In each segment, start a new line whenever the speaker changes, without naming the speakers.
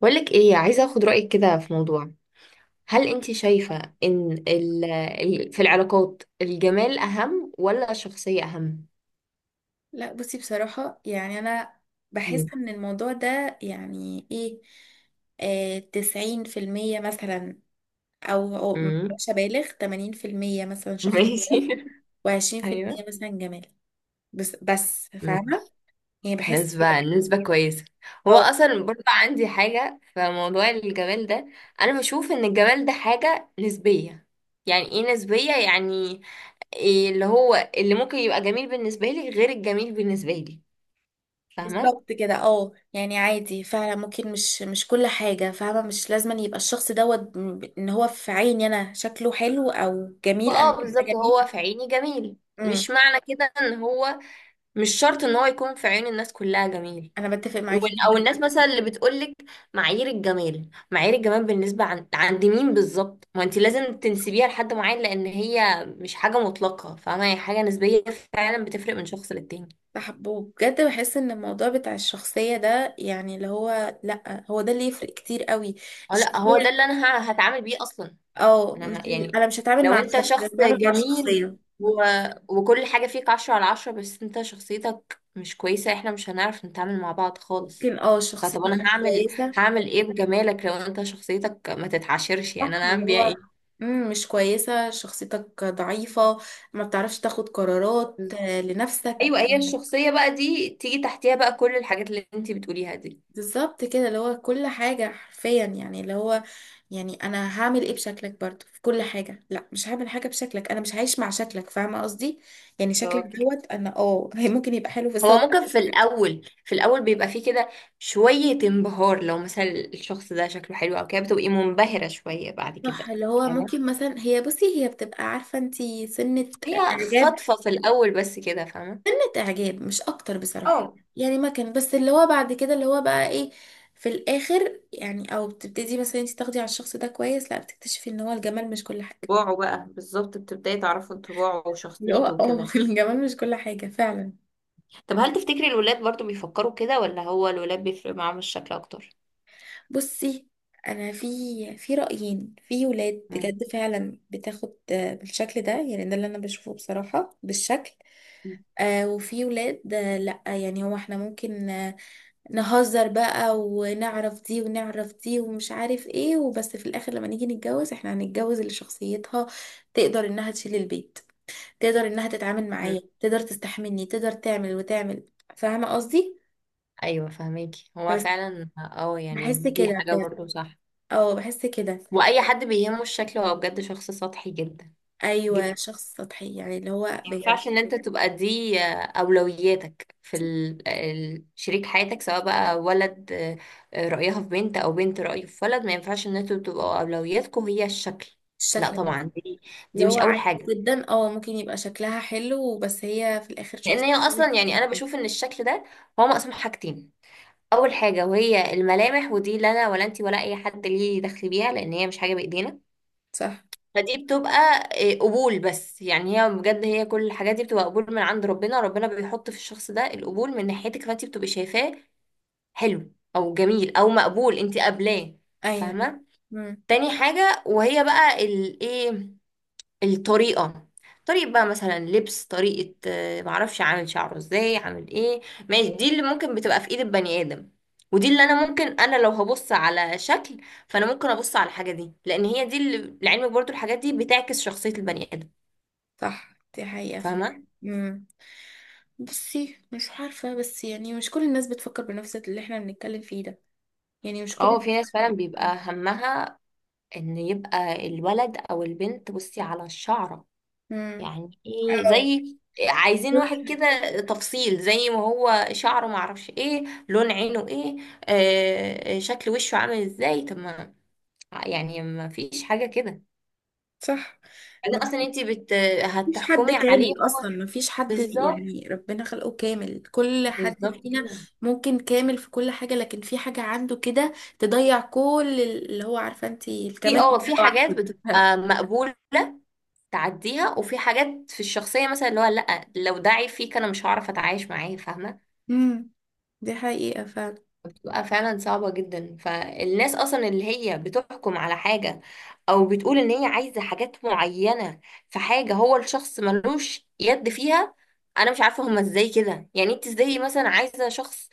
بقولك ايه، عايزة اخد رأيك كده في موضوع. هل انت شايفة ان في العلاقات الجمال اهم ولا الشخصية اهم؟
لا، بصي، بصراحة يعني أنا بحس
مم.
إن الموضوع ده يعني إيه، 90% مثلا، أو
مم.
مش أبالغ 80% مثلا شخصية،
ماشي
وعشرين في
ايوه.
المية مثلا جمال. بس بس فاهمة،
ماشي.
يعني بحس كده.
نسبة نسبة كويسة. هو
اه
اصلا برضه عندي حاجة في موضوع الجمال ده. انا بشوف ان الجمال ده حاجة نسبية. يعني ايه نسبية؟ يعني إيه اللي هو اللي ممكن يبقى جميل بالنسبة لي غير الجميل بالنسبة لي؟ فاهمة؟
بالظبط كده. اه يعني عادي فعلا، ممكن مش كل حاجة فاهمة، مش لازم أن يبقى الشخص دوت إن هو في عيني أنا شايفاه جميل، انا شكله حلو أو جميل أنا
اه،
شايفاه
بالظبط،
جميل.
هو في عيني جميل.
امم.
مش معنى كده ان هو، مش شرط ان هو يكون في عين الناس كلها جميل.
أنا بتفق معاكي
او
جدا.
الناس مثلا اللي بتقولك معايير الجمال، بالنسبة عن عند مين بالظبط؟ ما انت لازم تنسبيها لحد معين لان هي مش حاجة مطلقة. فاهمة؟ هي حاجة نسبية، فعلا بتفرق من شخص للتاني.
بحبه بجد، بحس ان الموضوع بتاع الشخصية ده يعني اللي هو، لأ، هو ده اللي يفرق كتير قوي.
اه لا، هو ده اللي
الشخصية.
انا هتعامل بيه اصلا.
اه
انا
مش،
يعني
انا مش هتعامل
لو
مع
انت
الشكل، انا
شخص
بتعامل مع
جميل
الشخصية.
و... وكل حاجة فيك عشرة على عشرة، بس انت شخصيتك مش كويسة، احنا مش هنعرف نتعامل مع بعض خالص.
ممكن،
فطب
شخصيتك
انا
مش
هعمل
كويسة.
هعمل ايه بجمالك لو انت شخصيتك ما تتعاشرش؟ يعني
صح،
انا هعمل
اللي
بيها
هو
ايه؟
مش كويسة، شخصيتك ضعيفة، ما بتعرفش تاخد قرارات، لنفسك.
ايوه، هي الشخصية بقى دي تيجي تحتيها بقى كل الحاجات اللي انت بتقوليها دي.
بالظبط كده، اللي هو كل حاجة حرفيا يعني اللي هو، يعني انا هعمل ايه بشكلك؟ برضو في كل حاجه، لا مش هعمل حاجه بشكلك، انا مش هعيش مع شكلك، فاهمه قصدي. يعني شكلك
بالظبط كده.
دوت، انا هي ممكن يبقى حلو في
هو
الصور.
ممكن في الأول بيبقى فيه كده شوية انبهار. لو مثلا الشخص ده شكله حلو أو كده بتبقي منبهرة شوية، بعد كده
صح، اللي هو ممكن مثلا هي، بصي هي بتبقى عارفه انتي سنه
هي
اعجاب،
خطفة في الأول بس كده. فاهمة؟
سنه اعجاب مش اكتر بصراحه.
اه،
يعني ما كان بس اللي هو بعد كده اللي هو بقى ايه، في الاخر يعني، او بتبتدي مثلا انتي تاخدي على الشخص ده كويس، لا بتكتشفي ان هو الجمال مش كل حاجه.
طباعه بقى، بالظبط بتبداي تعرفي طباعه
اللي هو
وشخصيته
اه
وكده.
الجمال مش كل حاجه فعلا.
طب هل تفتكري الولاد برضو بيفكروا كده ولا هو الولاد بيفرق معاهم الشكل أكتر؟
بصي، انا في رايين، في ولاد
مم.
بجد فعلا بتاخد بالشكل ده، يعني ده اللي انا بشوفه بصراحه بالشكل. وفي ولاد لا، يعني هو احنا ممكن نهزر بقى ونعرف دي ونعرف دي ومش عارف ايه، وبس في الاخر لما نيجي نتجوز احنا هنتجوز اللي شخصيتها تقدر انها تشيل البيت، تقدر انها تتعامل
مم.
معايا، تقدر تستحملني، تقدر تعمل وتعمل. فاهمه قصدي؟
أيوة فهماكي، هو
بس
فعلا اه يعني
بحس
دي
كده
حاجة
بجد.
برضو صح.
اه بحس كده.
وأي حد بيهمه الشكل هو بجد شخص سطحي
ايوه،
جدا.
شخص سطحي يعني، اللي هو بجد
ينفعش ان انت تبقى دي اولوياتك في شريك حياتك، سواء بقى ولد، رأيها في بنت او بنت رأيه في ولد، ما ينفعش ان انتوا تبقوا اولوياتكم هي الشكل. لا
الشكل
طبعا،
بس.
دي
اللي
دي مش
هو
اول
عادي
حاجة.
جدا، ممكن يبقى شكلها حلو بس هي في الاخر
لان
شخص.
هي اصلا، يعني انا بشوف ان الشكل ده هو مقسوم حاجتين. اول حاجة وهي الملامح، ودي لا انا ولا انت ولا اي حد ليه دخل بيها، لان هي مش حاجة بايدينا.
صح.
فدي بتبقى إيه، قبول بس. يعني هي بجد هي كل الحاجات دي بتبقى قبول من عند ربنا. ربنا بيحط في الشخص ده القبول من ناحيتك، فانت بتبقي شايفاه حلو او جميل او مقبول، انت قابلاه.
ايوه.
فاهمه؟
امم.
تاني حاجه وهي بقى الايه، الطريقة. طريقة بقى مثلا لبس، طريقة معرفش، عامل شعره ازاي، عامل ايه. ماشي، دي اللي ممكن بتبقى في ايد البني ادم. ودي اللي انا ممكن، انا لو هبص على شكل فانا ممكن ابص على الحاجة دي، لان هي دي اللي لعلمك برضو الحاجات دي بتعكس شخصية البني ادم.
صح، دي حقيقة فعلا.
فاهمة؟
امم. بصي مش عارفة بس، يعني مش كل الناس بتفكر بنفس اللي احنا بنتكلم فيه ده، يعني مش كل
اه، في
الناس.
ناس فعلا بيبقى همها ان يبقى الولد او البنت بصي على الشعرة.
امم.
يعني ايه
اه.
زي، عايزين واحد كده تفصيل، زي ما هو شعره معرفش ايه، لون عينه ايه، شكل وشه عامل ازاي. طب ما يعني ما فيش حاجة كده.
صح،
بعدين اصلا انت
مفيش حد
هتحكمي عليه
كامل
هو.
اصلا، مفيش حد
بالظبط.
يعني ربنا خلقه كامل، كل حد
بالظبط
فينا
كده.
ممكن كامل في كل حاجة لكن في حاجة عنده كده تضيع كل اللي هو، عارفة انت
في
الكمال
اه
بتاعه
في
واحد.
حاجات بتبقى مقبولة تعديها، وفي حاجات في الشخصية مثلا اللي هو لا، لو ده عيب فيك انا مش هعرف اتعايش معاه. فاهمة؟
امم. دي حقيقة فعلا.
بتبقى فعلا صعبة جدا. فالناس أصلا اللي هي بتحكم على حاجة أو بتقول إن هي عايزة حاجات معينة في حاجة هو الشخص ملوش يد فيها. أنا مش عارفة هما إزاي كده، يعني أنت إزاي مثلا عايزة شخص،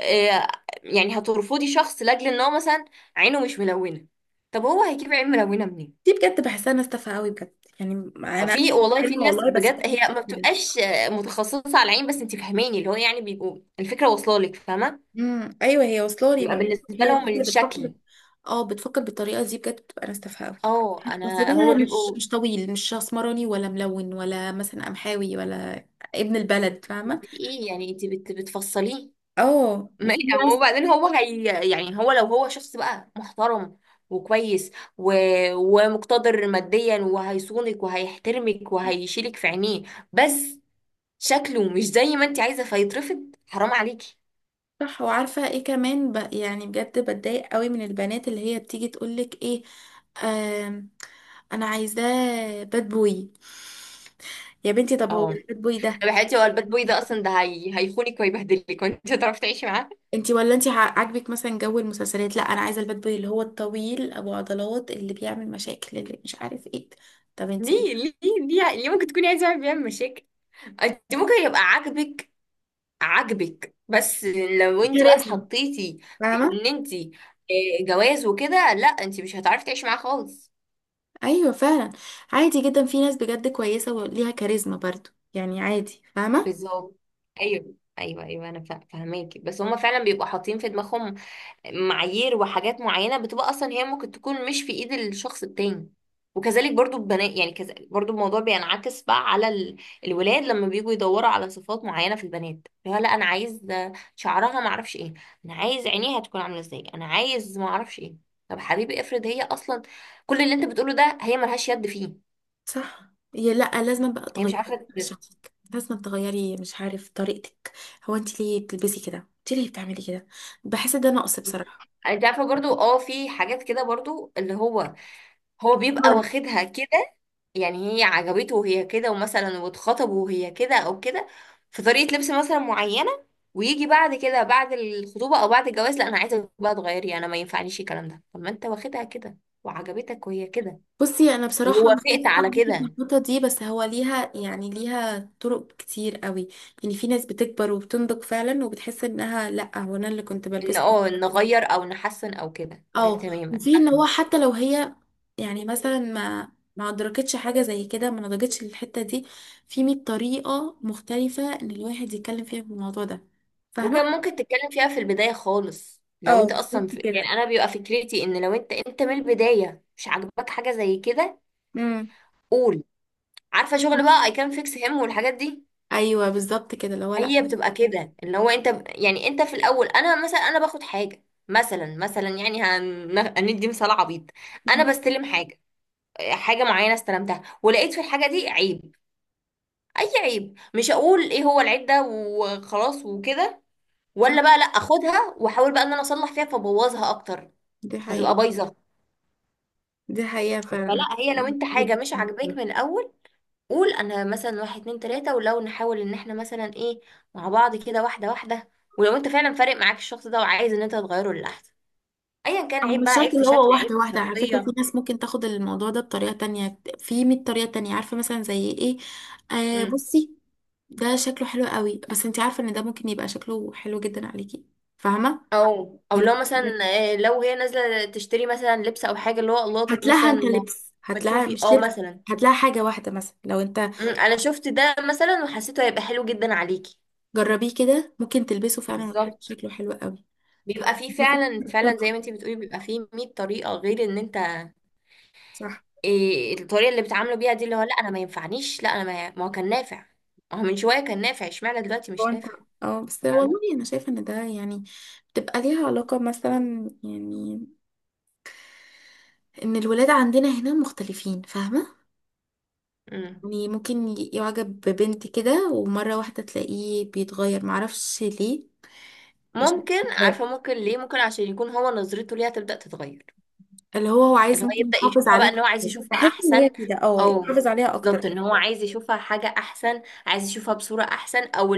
آه، يعني هترفضي شخص لأجل إن هو مثلا عينه مش ملونة؟ طب هو هيجيب عين ملونة منين؟
دي بجد بحسها ناس تافهة قوي بجد يعني، انا أسف
في
على
والله في
الكلمة
ناس
والله بس
بجد هي
بحسها
ما
كده.
بتبقاش متخصصة على العين بس، أنت فهماني، اللي هو يعني بيبقوا الفكرة واصلة لك. فاهمة؟
امم، ايوه هي واصله لي، ما
بيبقى
أنا بقولك
بالنسبة
هي
لهم
الناس اللي
الشكل.
بتفكر، اه بتفكر بالطريقه دي بجد بتبقى ناس تافهه قوي.
اه
بس
انا
ده
هما
مش
بيبقوا
مش طويل، مش اسمراني، ولا ملون، ولا مثلا قمحاوي، ولا ابن البلد، فاهمه؟
ايه، يعني انت بتفصليه
اه
ما-
وفي ناس.
هو وبعدين هو هي، يعني هو لو هو شخص بقى محترم وكويس و... ومقتدر ماديا وهيصونك وهيحترمك وهيشيلك في عينيه، بس شكله مش زي ما انت عايزه فيترفض. حرام عليكي.
صح، وعارفه ايه كمان يعني بجد بتضايق قوي من البنات اللي هي بتيجي تقولك ايه، آم... انا عايزاه باد بوي. يا بنتي، طب هو
اه.
الباد بوي ده،
طب يا حياتي هو الباد بوي ده اصلا ده هيخونك ويبهدلك، وانت هتعرفي تعيشي معاه؟
انتي، ولا انتي عاجبك مثلا جو المسلسلات؟ لا، انا عايزه الباد بوي اللي هو الطويل ابو عضلات اللي بيعمل مشاكل اللي مش عارف ايه. طب انتي
ليه
ايه؟
ليه ليه ممكن تكوني عايزه واحد بيعمل مشاكل؟ انت ممكن يبقى عاجبك بس، لو انت بقى
كاريزما،
اتحطيتي
فاهمه؟
ان انت، جواز وكده، لا انت مش هتعرفي تعيشي معاه خالص.
ايوه فعلا. عادي جدا، في ناس بجد كويسه وليها كاريزما برضو، يعني عادي، فاهمه.
بالظبط. ايوه ايوه ايوه، انا فاهماكي بس هما فعلا بيبقوا حاطين في دماغهم معايير وحاجات معينة بتبقى أصلا هي ممكن تكون مش في إيد الشخص التاني. وكذلك برضو البنات، يعني كذلك برضو الموضوع بينعكس بقى على الولاد لما بيجوا يدوروا على صفات معينة في البنات. اللي هو لا أنا عايز شعرها معرفش إيه، أنا عايز عينيها تكون عاملة إزاي، أنا عايز معرفش إيه. طب حبيبي افرض هي أصلا كل اللي أنت بتقوله ده هي ملهاش يد فيه.
صح، هي لا، لازم بقى
هي مش
تغيري
عارفة.
من شخصك، لازم تغيري مش عارف طريقتك، هو انتي ليه بتلبسي كده؟ انتي ليه بتعملي كده؟ بحس ده نقص بصراحه.
انت عارفة برضو اه في حاجات كده برضو اللي هو، هو بيبقى واخدها كده. يعني هي عجبته وهي كده، ومثلا واتخطبوا وهي كده او كده، في طريقة لبس مثلا معينة. ويجي بعد كده، بعد الخطوبة او بعد الجواز، لا انا عايزة بقى تغيري. انا ما ينفعنيش الكلام ده. طب ما انت واخدها كده وعجبتك وهي كده
بصي، انا بصراحه
ووافقت
مختلفه
على
معاكي في
كده.
النقطه دي، بس هو ليها يعني ليها طرق كتير قوي. يعني في ناس بتكبر وبتنضج فعلا وبتحس انها لا، هو انا اللي كنت
ان
بلبسه.
اه نغير او نحسن او كده، ده
اه،
تماما.
وفي ان هو
فاهمة؟
حتى لو هي، يعني مثلا ما ادركتش حاجه زي كده، ما نضجتش للحته دي، في 100 طريقه مختلفه ان الواحد يتكلم فيها في الموضوع ده،
وكان
فاهمه؟
ممكن تتكلم فيها في البداية خالص لو
اه
انت اصلا
بالظبط
يعني
كده.
انا بيبقى فكرتي ان لو انت من البداية مش عاجباك حاجة زي كده،
امم.
قول. عارفة شغل بقى I can fix him والحاجات دي.
ايوه بالظبط كده، اللي هو لا.
هي بتبقى كده، اللي هو انت يعني انت في الاول، انا باخد حاجه مثلا يعني هندي مثال عبيط. انا
مم.
بستلم حاجه، حاجه معينه، استلمتها ولقيت في الحاجه دي عيب، اي عيب. مش هقول ايه هو العيب ده وخلاص وكده،
صح،
ولا بقى لا اخدها واحاول بقى ان انا اصلح فيها فبوظها اكتر،
دي
فتبقى
حقيقة.
بايظه.
دي حقيقة فعلا.
فلا، هي لو انت حاجه مش عاجباك من الاول، قول انا مثلا واحد اتنين تلاتة، ولو نحاول ان احنا مثلا ايه مع بعض كده واحدة واحدة، ولو انت فعلا فارق معاك الشخص ده وعايز ان انت تغيره للأحسن، ايا كان
أو
عيب
مش
بقى، عيب
شرط،
في
اللي
شكل
هو
عيب
واحدة
في
واحدة، على فكرة
شخصية.
في ناس ممكن تاخد الموضوع ده بطريقة تانية، في 100 طريقة تانية عارفة مثلا زي ايه؟ آه
مم.
بصي، ده شكله حلو قوي بس انت عارفة ان ده ممكن يبقى شكله حلو جدا عليكي، فاهمة؟
او او
يعني،
لو مثلا، لو هي نازلة تشتري مثلا لبس او حاجة، اللي هو الله،
هات
طب
لها
مثلا
انت لبس،
ما
هات لها
تشوفي
مش
اه
لبس،
مثلا،
هات لها حاجة واحدة مثلا لو انت
مم، انا شفت ده مثلا وحسيته هيبقى حلو جدا عليكي.
جربيه كده ممكن تلبسه فعلا وتحس
بالظبط.
شكله حلو قوي. ف-
بيبقى فيه فعلا فعلا زي ما انتي بتقولي بيبقى فيه 100 طريقة غير ان انت
صح.
إيه الطريقه اللي بيتعاملوا بيها دي، اللي هو لا انا ما ينفعنيش. لا انا ما هو كان نافع، ما هو من شويه كان نافع، اشمعنى دلوقتي
هو
مش
انت،
نافع؟
اه بس والله
فاهمة؟
انا شايفه ان ده يعني بتبقى ليها علاقه مثلا يعني، ان الولاد عندنا هنا مختلفين، فاهمه؟
مم.
يعني ممكن يعجب ببنت كده ومره واحده تلاقيه بيتغير معرفش ليه. مش
ممكن،
عارفة.
عارفه ممكن ليه، ممكن عشان يكون هو نظرته ليها تبدا تتغير.
اللي هو هو عايز
اللي هو
ممكن
يبدا
يحافظ
يشوفها
عليها
بقى ان هو عايز
أكتر.
يشوفها
بحس ان هي
احسن،
كده،
او
يحافظ عليها اكتر.
بالظبط ان هو عايز يشوفها حاجه احسن، عايز يشوفها بصوره احسن، او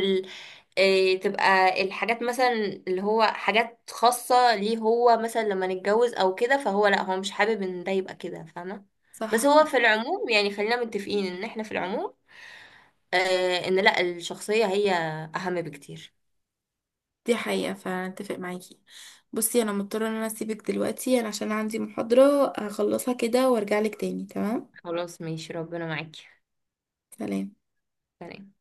إيه، تبقى الحاجات مثلا اللي هو حاجات خاصة ليه هو مثلا لما نتجوز او كده، فهو لا هو مش حابب ان ده يبقى كده. فاهمة؟
صح،
بس هو في العموم يعني خلينا متفقين ان احنا في العموم، آه، ان لا الشخصية هي اهم بكتير.
دي حقيقه، فاتفق معاكي. بصي، انا مضطره ان انا اسيبك دلوقتي، انا عشان عندي محاضره هخلصها كده وارجع لك تاني، تمام؟
خلاص ماشي، ربنا معاكي.
سلام.
سلام.